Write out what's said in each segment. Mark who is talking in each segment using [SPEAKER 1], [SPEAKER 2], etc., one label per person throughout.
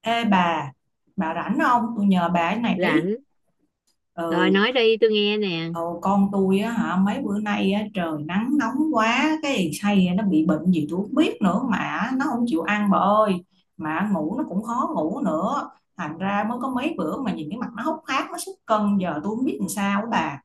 [SPEAKER 1] Ê bà rảnh không? Tôi nhờ bà cái này tí.
[SPEAKER 2] Rảnh rồi,
[SPEAKER 1] Ừ.
[SPEAKER 2] nói đi tôi nghe nè.
[SPEAKER 1] Ừ, con tôi á hả, mấy bữa nay á, trời nắng nóng quá, cái thằng say nó bị bệnh gì tôi không biết nữa mà nó không chịu ăn, bà ơi. Mà ngủ nó cũng khó ngủ nữa. Thành ra mới có mấy bữa mà nhìn cái mặt nó hốc hác, nó sút cân, giờ tôi không biết làm sao á, bà.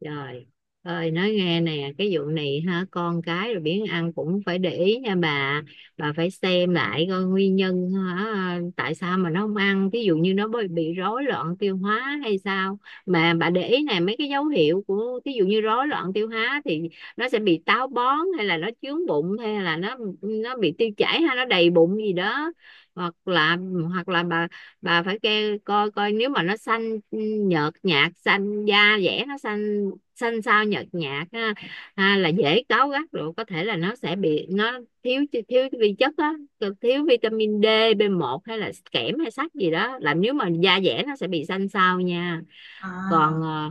[SPEAKER 2] Trời ơi, nói nghe nè, cái vụ này ha, con cái rồi biến ăn cũng phải để ý nha Bà phải xem lại coi nguyên nhân, hả, tại sao mà nó không ăn. Ví dụ như nó bị rối loạn tiêu hóa hay sao. Mà bà để ý này, mấy cái dấu hiệu của ví dụ như rối loạn tiêu hóa thì nó sẽ bị táo bón, hay là nó chướng bụng, hay là nó bị tiêu chảy, hay nó đầy bụng gì đó. Hoặc là hoặc là bà phải coi coi nếu mà nó xanh, nhợt nhạt, xanh da dẻ, nó xanh, xanh xao, nhợt nhạt ha, ha, là dễ cáu gắt. Rồi có thể là nó sẽ bị, nó thiếu, vi chất á, thiếu vitamin D, B1, hay là kẽm hay sắt gì đó. Làm nếu mà da dẻ nó sẽ bị xanh xao nha.
[SPEAKER 1] À,
[SPEAKER 2] còn ờ,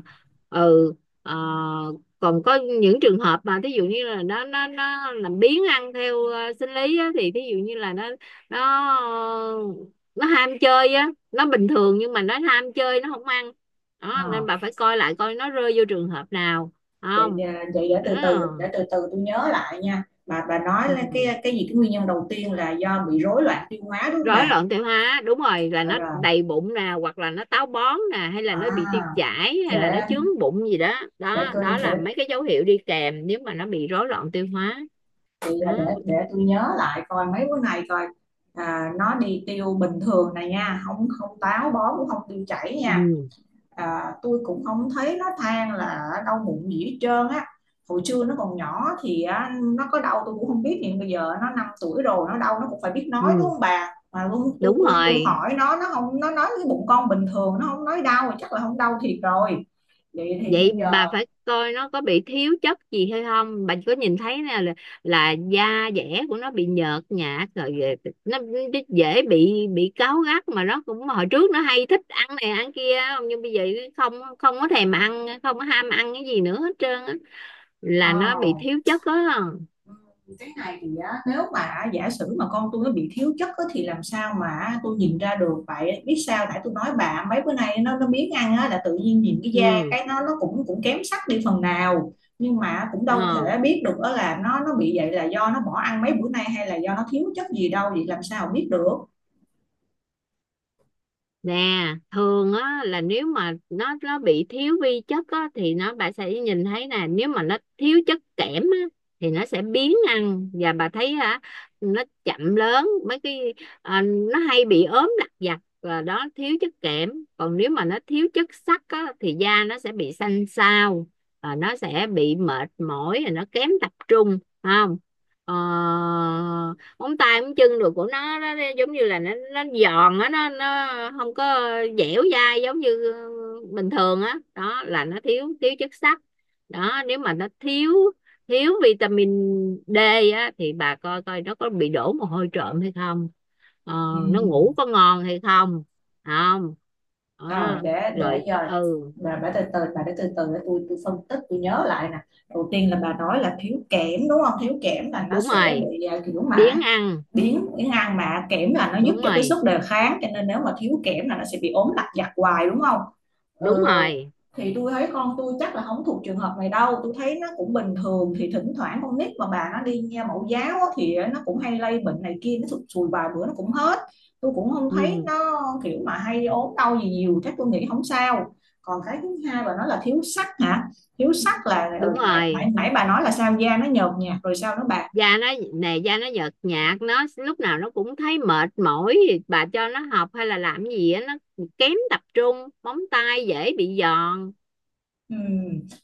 [SPEAKER 2] ừ ờ, còn có những trường hợp mà thí dụ như là nó làm biếng ăn theo sinh lý á, thì thí dụ như là nó, ờ, nó ham chơi á, nó bình thường nhưng mà nó ham chơi nó không ăn đó, nên
[SPEAKER 1] à,
[SPEAKER 2] bà phải coi lại coi nó rơi vô trường hợp nào
[SPEAKER 1] vậy
[SPEAKER 2] không.
[SPEAKER 1] vậy để
[SPEAKER 2] Đó.
[SPEAKER 1] từ từ để từ từ tôi nhớ lại nha. Bà nói là
[SPEAKER 2] Ừ.
[SPEAKER 1] cái gì cái nguyên nhân đầu tiên là do bị rối loạn tiêu hóa, đúng không
[SPEAKER 2] Rối
[SPEAKER 1] bà?
[SPEAKER 2] loạn tiêu hóa đúng rồi, là
[SPEAKER 1] Rồi,
[SPEAKER 2] nó
[SPEAKER 1] rồi.
[SPEAKER 2] đầy bụng nè, hoặc là nó táo bón nè, hay là nó bị tiêu
[SPEAKER 1] À,
[SPEAKER 2] chảy, hay là nó
[SPEAKER 1] để
[SPEAKER 2] chướng bụng gì đó.
[SPEAKER 1] để
[SPEAKER 2] Đó
[SPEAKER 1] tôi
[SPEAKER 2] đó
[SPEAKER 1] để
[SPEAKER 2] là mấy cái dấu hiệu đi kèm nếu mà nó bị rối loạn tiêu hóa.
[SPEAKER 1] chị
[SPEAKER 2] Đó.
[SPEAKER 1] để tôi nhớ lại coi mấy bữa này coi. À, nó đi tiêu bình thường này nha, không không táo bón cũng không tiêu chảy nha.
[SPEAKER 2] Ừ.
[SPEAKER 1] À, tôi cũng không thấy nó than là đau bụng gì hết trơn á. Hồi xưa nó còn nhỏ thì nó có đau tôi cũng không biết, nhưng bây giờ nó 5 tuổi rồi, nó đau nó cũng phải biết nói, đúng
[SPEAKER 2] Ừ,
[SPEAKER 1] không bà? Mà luôn,
[SPEAKER 2] đúng
[SPEAKER 1] tôi
[SPEAKER 2] rồi.
[SPEAKER 1] hỏi nó không, nó nói cái bụng con bình thường, nó không nói đau, chắc là không đau thiệt rồi. Vậy thì bây
[SPEAKER 2] Vậy
[SPEAKER 1] giờ,
[SPEAKER 2] bà phải coi nó có bị thiếu chất gì hay không. Bà có nhìn thấy nè là da dẻ của nó bị nhợt nhạt rồi nó dễ bị cáu gắt. Mà nó cũng, hồi trước nó hay thích ăn này ăn kia, không nhưng bây giờ không, không có thèm ăn, không có ham ăn cái gì nữa hết trơn á, là
[SPEAKER 1] ờ,
[SPEAKER 2] nó bị thiếu chất đó.
[SPEAKER 1] cái này thì á, nếu mà giả sử mà con tôi nó bị thiếu chất á, thì làm sao mà tôi nhìn ra được vậy? Biết sao, tại tôi nói bà, mấy bữa nay nó biếng ăn á, là tự nhiên nhìn cái da
[SPEAKER 2] ừ
[SPEAKER 1] cái nó cũng cũng kém sắc đi phần nào, nhưng mà cũng đâu
[SPEAKER 2] ờ
[SPEAKER 1] thể biết được đó là nó bị vậy là do nó bỏ ăn mấy bữa nay, hay là do nó thiếu chất gì đâu, vậy làm sao biết được?
[SPEAKER 2] nè, thường á, là nếu mà nó bị thiếu vi chất á thì nó, bà sẽ nhìn thấy nè. Nếu mà nó thiếu chất kẽm á thì nó sẽ biếng ăn, và bà thấy, hả, nó chậm lớn mấy cái, à, nó hay bị ốm lặt vặt, và đó thiếu chất kẽm. Còn nếu mà nó thiếu chất sắt á thì da nó sẽ bị xanh xao, và nó sẽ bị mệt mỏi, rồi nó kém tập trung, phải không. Ờ, móng tay móng chân rồi của nó, giống như là nó giòn á, nó không có dẻo dai giống như bình thường á đó. Đó là nó thiếu, thiếu chất sắt đó. Nếu mà nó thiếu, vitamin D á, thì bà coi coi nó có bị đổ mồ hôi trộm hay không, ờ,
[SPEAKER 1] Ừ.
[SPEAKER 2] nó ngủ có ngon hay không, không
[SPEAKER 1] Rồi
[SPEAKER 2] đó.
[SPEAKER 1] để
[SPEAKER 2] Rồi,
[SPEAKER 1] giờ
[SPEAKER 2] ừ.
[SPEAKER 1] bà từ từ bà để từ từ để tôi phân tích tôi nhớ lại nè. Đầu tiên là bà nói là thiếu kẽm, đúng không? Thiếu kẽm là nó
[SPEAKER 2] Đúng
[SPEAKER 1] sẽ
[SPEAKER 2] rồi.
[SPEAKER 1] bị kiểu mà
[SPEAKER 2] Biếng ăn.
[SPEAKER 1] biến cái ngang, mà kẽm là nó giúp
[SPEAKER 2] Đúng
[SPEAKER 1] cho cái
[SPEAKER 2] rồi.
[SPEAKER 1] sức đề kháng, cho nên nếu mà thiếu kẽm là nó sẽ bị ốm lặt vặt hoài, đúng không?
[SPEAKER 2] Đúng
[SPEAKER 1] ờ,
[SPEAKER 2] rồi.
[SPEAKER 1] thì tôi thấy con tôi chắc là không thuộc trường hợp này đâu, tôi thấy nó cũng bình thường. Thì thỉnh thoảng con nít mà bà, nó đi nha mẫu giáo, thì nó cũng hay lây bệnh này kia, nó sụt sùi vài bữa nó cũng hết. Tôi cũng không thấy
[SPEAKER 2] Ừ,
[SPEAKER 1] nó kiểu mà hay ốm đau gì nhiều, chắc tôi nghĩ không sao. Còn cái thứ hai bà nói là thiếu sắt hả? Thiếu sắt là
[SPEAKER 2] đúng
[SPEAKER 1] nãy nãy,
[SPEAKER 2] rồi.
[SPEAKER 1] nãy bà nói là sao da nó nhợt nhạt rồi sao nó bạc.
[SPEAKER 2] Da nó nè, da nó nhợt nhạt, nó lúc nào nó cũng thấy mệt mỏi, thì bà cho nó học hay là làm gì á nó kém tập trung, móng tay dễ bị giòn.
[SPEAKER 1] Ừ,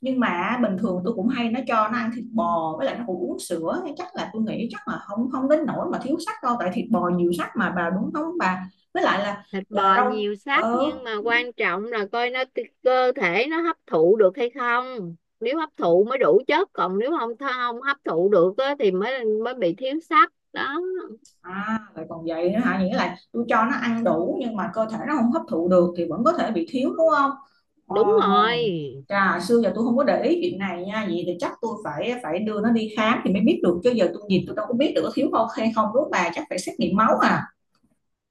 [SPEAKER 1] nhưng mà bình thường tôi cũng hay nó cho nó ăn thịt bò, với lại nó cũng uống sữa. Thế chắc là tôi nghĩ chắc là không không đến nỗi mà thiếu sắt đâu, tại thịt bò nhiều sắt mà bà, đúng không bà? Với lại là
[SPEAKER 2] Thịt
[SPEAKER 1] à,
[SPEAKER 2] bò
[SPEAKER 1] rau
[SPEAKER 2] nhiều sắt,
[SPEAKER 1] ờ
[SPEAKER 2] nhưng mà quan trọng là coi nó, cơ thể nó hấp thụ được hay không. Nếu hấp thụ mới đủ chất, còn nếu không, không hấp thụ được á, thì mới, bị thiếu sắt đó.
[SPEAKER 1] À vậy còn vậy nữa hả? Nghĩa là tôi cho nó ăn đủ nhưng mà cơ thể nó không hấp thụ được thì vẫn có thể bị thiếu, đúng không?
[SPEAKER 2] Đúng
[SPEAKER 1] Ồ,
[SPEAKER 2] rồi.
[SPEAKER 1] trà xưa giờ tôi không có để ý chuyện này nha. Vậy thì chắc tôi phải phải đưa nó đi khám thì mới biết được, chứ giờ tôi nhìn tôi đâu có biết được có thiếu không hay không, đúng không bà? Chắc phải xét nghiệm máu à?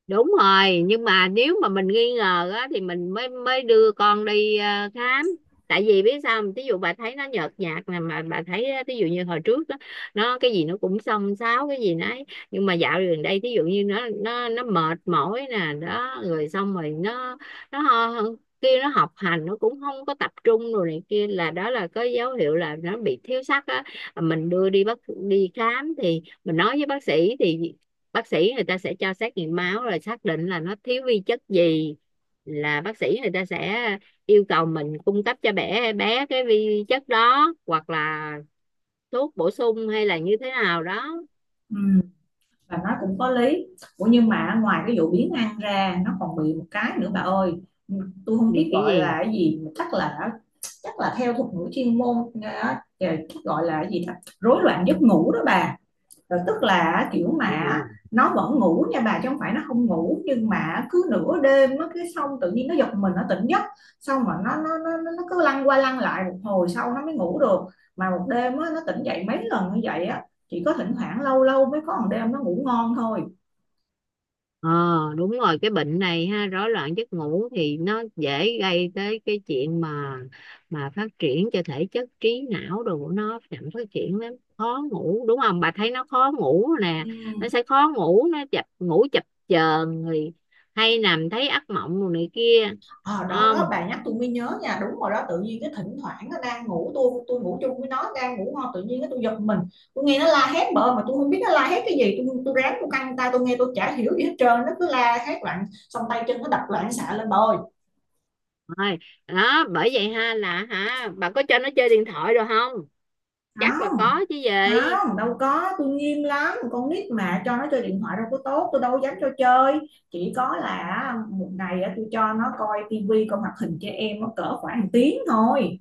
[SPEAKER 2] Đúng rồi, nhưng mà nếu mà mình nghi ngờ á thì mình mới, đưa con đi khám. Tại vì biết sao không? Ví dụ bà thấy nó nhợt nhạt nè, mà bà thấy á, ví dụ như hồi trước đó, nó cái gì nó cũng xông xáo cái gì nấy, nhưng mà dạo gần đây ví dụ như nó mệt mỏi nè đó, rồi xong rồi nó, nó ho- kia, nó học hành nó cũng không có tập trung rồi này kia, là đó là có dấu hiệu là nó bị thiếu sắt á. Mình đưa đi bác, đi khám thì mình nói với bác sĩ, thì bác sĩ người ta sẽ cho xét nghiệm máu rồi xác định là nó thiếu vi chất gì, là bác sĩ người ta sẽ yêu cầu mình cung cấp cho bé, bé cái vi chất đó, hoặc là thuốc bổ sung hay là như thế nào đó.
[SPEAKER 1] Ừ, và nó cũng có lý. Ủa nhưng mà ngoài cái vụ biến ăn ra nó còn bị một cái nữa bà ơi, tôi không
[SPEAKER 2] Vì
[SPEAKER 1] biết
[SPEAKER 2] cái
[SPEAKER 1] gọi
[SPEAKER 2] gì.
[SPEAKER 1] là cái gì, chắc là theo thuật ngữ chuyên môn chắc gọi là cái gì đó, rối loạn giấc ngủ đó bà. Rồi tức là kiểu mà
[SPEAKER 2] Ừ.
[SPEAKER 1] nó vẫn ngủ nha bà, chứ không phải nó không ngủ, nhưng mà cứ nửa đêm nó cái xong tự nhiên nó giật mình, nó tỉnh giấc. Xong mà nó cứ lăn qua lăn lại một hồi sau nó mới ngủ được. Mà một đêm á, nó tỉnh dậy mấy lần như vậy á. Chỉ có thỉnh thoảng lâu lâu mới có một đêm nó ngủ ngon thôi.
[SPEAKER 2] Ờ, đúng rồi, cái bệnh này ha, rối loạn giấc ngủ thì nó dễ gây tới cái chuyện mà phát triển cho thể chất, trí não đồ của nó chậm phát triển lắm. Khó ngủ đúng không, bà thấy nó khó ngủ nè,
[SPEAKER 1] Ừ.
[SPEAKER 2] nó sẽ khó ngủ, nó chập ngủ chập chờn, rồi hay nằm thấy ác mộng rồi này kia.
[SPEAKER 1] Ờ, đó đó
[SPEAKER 2] Không
[SPEAKER 1] bà nhắc tôi mới nhớ nha, đúng rồi đó, tự nhiên cái thỉnh thoảng nó đang ngủ, tôi ngủ chung với nó đang ngủ ngon tự nhiên cái tôi giật mình. Tôi nghe nó la hét bợ mà tôi không biết nó la hét cái gì, tôi ráng tôi căng tay tôi nghe tôi chả hiểu gì hết trơn, nó cứ la hét loạn, xong tay chân nó đập loạn xạ lên bà ơi.
[SPEAKER 2] thôi đó bởi vậy ha, là, hả, bà có cho nó chơi điện thoại rồi không, chắc là
[SPEAKER 1] Không,
[SPEAKER 2] có chứ gì.
[SPEAKER 1] không đâu có, tôi nghiêm lắm, con nít mà cho nó chơi điện thoại đâu có tốt, tôi đâu có dám cho chơi. Chỉ có là một ngày á, tôi cho nó coi tivi coi hoạt hình cho em nó cỡ khoảng tiếng thôi.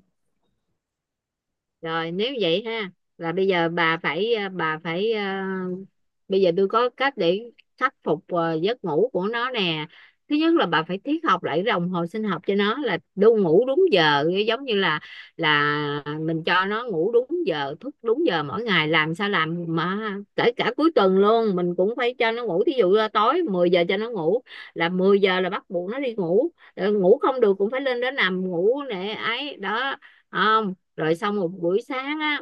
[SPEAKER 2] Rồi nếu vậy ha, là bây giờ bà phải bà phải, bây giờ tôi có cách để khắc phục giấc ngủ của nó nè. Thứ nhất là bà phải thiết học lại cái đồng hồ sinh học cho nó, là đu ngủ đúng giờ, giống như là mình cho nó ngủ đúng giờ, thức đúng giờ mỗi ngày, làm sao làm mà kể cả cuối tuần luôn mình cũng phải cho nó ngủ. Thí dụ là tối 10 giờ cho nó ngủ là 10 giờ, là bắt buộc nó đi ngủ. Ờ, ngủ không được cũng phải lên đó nằm ngủ nè, ấy đó. À, rồi xong một buổi sáng á,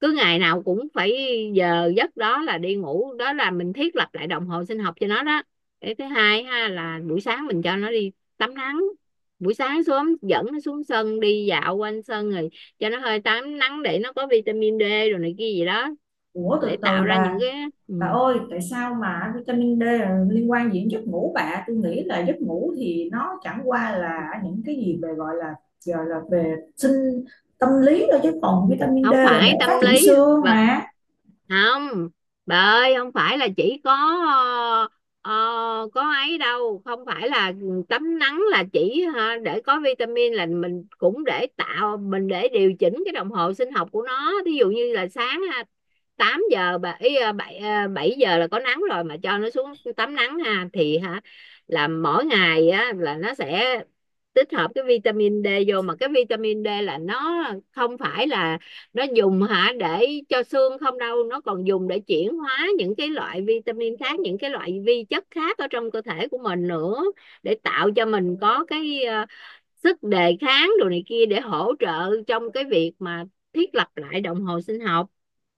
[SPEAKER 2] cứ ngày nào cũng phải giờ giấc đó là đi ngủ, đó là mình thiết lập lại đồng hồ sinh học cho nó đó. Cái thứ hai ha, là buổi sáng mình cho nó đi tắm nắng, buổi sáng sớm dẫn nó xuống sân đi dạo quanh sân, rồi cho nó hơi tắm nắng để nó có vitamin D rồi này kia gì đó,
[SPEAKER 1] Ủa
[SPEAKER 2] để
[SPEAKER 1] từ từ
[SPEAKER 2] tạo ra những
[SPEAKER 1] bà
[SPEAKER 2] cái. Ừ.
[SPEAKER 1] Bà ơi, tại sao mà vitamin D là liên quan gì đến giấc ngủ bà? Tôi nghĩ là giấc ngủ thì nó chẳng qua là những cái gì về gọi là về sinh tâm lý thôi, chứ còn vitamin D
[SPEAKER 2] Không
[SPEAKER 1] là để
[SPEAKER 2] phải tâm
[SPEAKER 1] phát triển
[SPEAKER 2] lý.
[SPEAKER 1] xương
[SPEAKER 2] Vợ.
[SPEAKER 1] mà.
[SPEAKER 2] Không. Bà ơi, không phải là chỉ có ờ, có ấy đâu. Không phải là tắm nắng là chỉ ha, để có vitamin, là mình cũng để tạo, mình để điều chỉnh cái đồng hồ sinh học của nó. Thí dụ như là sáng 8 giờ, bảy bảy, 7 giờ là có nắng rồi mà, cho nó xuống tắm nắng ha, thì, hả, là mỗi ngày á là nó sẽ tích hợp cái vitamin D vô. Mà cái vitamin D là nó không phải là nó dùng hả để cho xương không đâu, nó còn dùng để chuyển hóa những cái loại vitamin khác, những cái loại vi chất khác ở trong cơ thể của mình nữa, để tạo cho mình có cái sức đề kháng đồ này kia, để hỗ trợ trong cái việc mà thiết lập lại đồng hồ sinh học.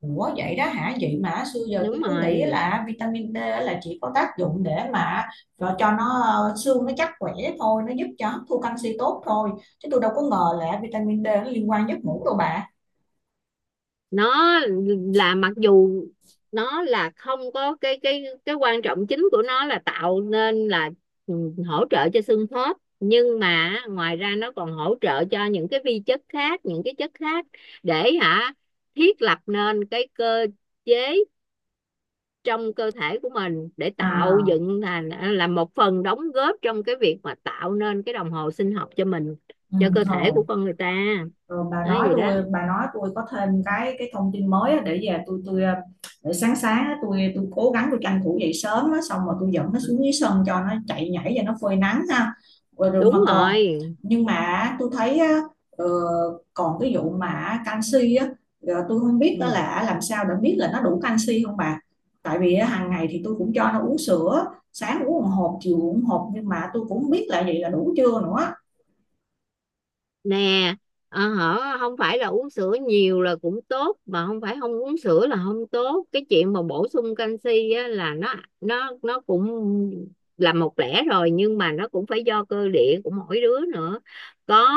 [SPEAKER 1] Ủa vậy đó hả? Vậy mà xưa giờ tôi
[SPEAKER 2] Đúng
[SPEAKER 1] cứ nghĩ
[SPEAKER 2] rồi,
[SPEAKER 1] là vitamin D là chỉ có tác dụng để mà cho nó xương nó chắc khỏe thôi, nó giúp cho hấp thu canxi tốt thôi. Chứ tôi đâu có ngờ là vitamin D nó liên quan giấc ngủ đâu bà.
[SPEAKER 2] nó là, mặc dù nó là không có cái, cái quan trọng chính của nó là tạo nên là, ừ, hỗ trợ cho xương khớp, nhưng mà ngoài ra nó còn hỗ trợ cho những cái vi chất khác, những cái chất khác, để hả thiết lập nên cái cơ chế trong cơ thể của mình, để tạo
[SPEAKER 1] À,
[SPEAKER 2] dựng thành là một phần đóng góp trong cái việc mà tạo nên cái đồng hồ sinh học cho mình,
[SPEAKER 1] ừ,
[SPEAKER 2] cho cơ thể
[SPEAKER 1] thôi.
[SPEAKER 2] của con người ta.
[SPEAKER 1] Rồi bà
[SPEAKER 2] Nói
[SPEAKER 1] nói
[SPEAKER 2] gì đó.
[SPEAKER 1] tôi bà nói tôi có thêm cái thông tin mới á, để về tôi để sáng sáng á, tôi cố gắng tôi tranh thủ dậy sớm á, xong rồi tôi dẫn nó xuống dưới sân cho nó chạy nhảy và nó phơi nắng ha. Rồi, rồi mà
[SPEAKER 2] Đúng
[SPEAKER 1] còn,
[SPEAKER 2] rồi.
[SPEAKER 1] nhưng mà tôi thấy á, ờ, còn cái vụ mà canxi á, tôi không biết đó
[SPEAKER 2] Ừ.
[SPEAKER 1] là làm sao để biết là nó đủ canxi không bà. Tại vì á, hàng ngày thì tôi cũng cho nó uống sữa, sáng uống một hộp, chiều uống một hộp, nhưng mà tôi cũng không biết là vậy là đủ chưa nữa.
[SPEAKER 2] Nè, hở, không phải là uống sữa nhiều là cũng tốt, mà không phải không uống sữa là không tốt. Cái chuyện mà bổ sung canxi á, là nó, nó cũng là một lẽ rồi, nhưng mà nó cũng phải do cơ địa của mỗi đứa nữa, có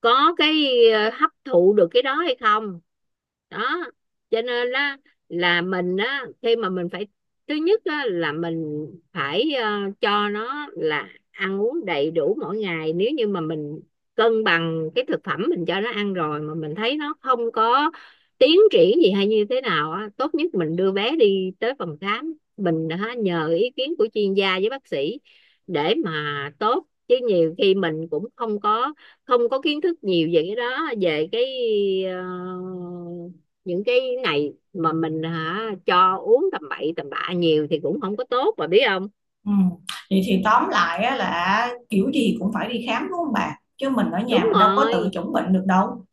[SPEAKER 2] có cái hấp thụ được cái đó hay không. Đó, cho nên á là mình á khi mà mình phải, thứ nhất á là mình phải cho nó là ăn uống đầy đủ mỗi ngày. Nếu như mà mình cân bằng cái thực phẩm mình cho nó ăn rồi, mà mình thấy nó không có tiến triển gì hay như thế nào á, tốt nhất mình đưa bé đi tới phòng khám, mình hả, nhờ ý kiến của chuyên gia với bác sĩ để mà tốt. Chứ nhiều khi mình cũng không có, không có kiến thức nhiều về cái đó, về cái ờ, những cái này, mà mình hả cho uống tầm bậy tầm bạ nhiều thì cũng không có tốt, bà biết không.
[SPEAKER 1] Ừ. Vậy thì tóm lại á, là kiểu gì cũng phải đi khám đúng không bà? Chứ mình ở nhà
[SPEAKER 2] Đúng
[SPEAKER 1] mình đâu có tự
[SPEAKER 2] rồi.
[SPEAKER 1] chẩn bệnh được đâu.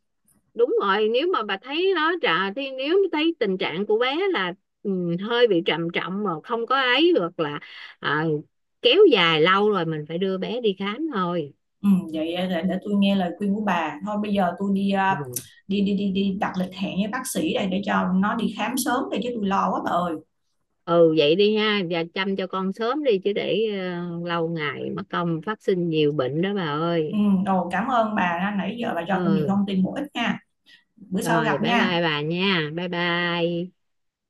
[SPEAKER 2] Đúng rồi, nếu mà bà thấy nó trà thì, nếu thấy tình trạng của bé là ừ, hơi bị trầm trọng, mà không có ấy, hoặc là à, kéo dài lâu rồi mình phải đưa bé đi khám thôi.
[SPEAKER 1] Ừ, vậy để tôi nghe lời khuyên của bà. Thôi bây giờ tôi đi
[SPEAKER 2] Ừ.
[SPEAKER 1] đi đi đi đi đặt lịch hẹn với bác sĩ đây để cho nó đi khám sớm đây, chứ tôi lo quá bà ơi.
[SPEAKER 2] Ừ, vậy đi ha, và chăm cho con sớm đi, chứ để lâu ngày mất công phát sinh nhiều bệnh đó bà
[SPEAKER 1] Ừ,
[SPEAKER 2] ơi.
[SPEAKER 1] đồ cảm ơn bà nãy giờ bà cho tôi nhiều
[SPEAKER 2] Ừ.
[SPEAKER 1] thông tin bổ ích nha. Bữa sau
[SPEAKER 2] Rồi,
[SPEAKER 1] gặp
[SPEAKER 2] bye
[SPEAKER 1] nha.
[SPEAKER 2] bye bà nha, bye bye.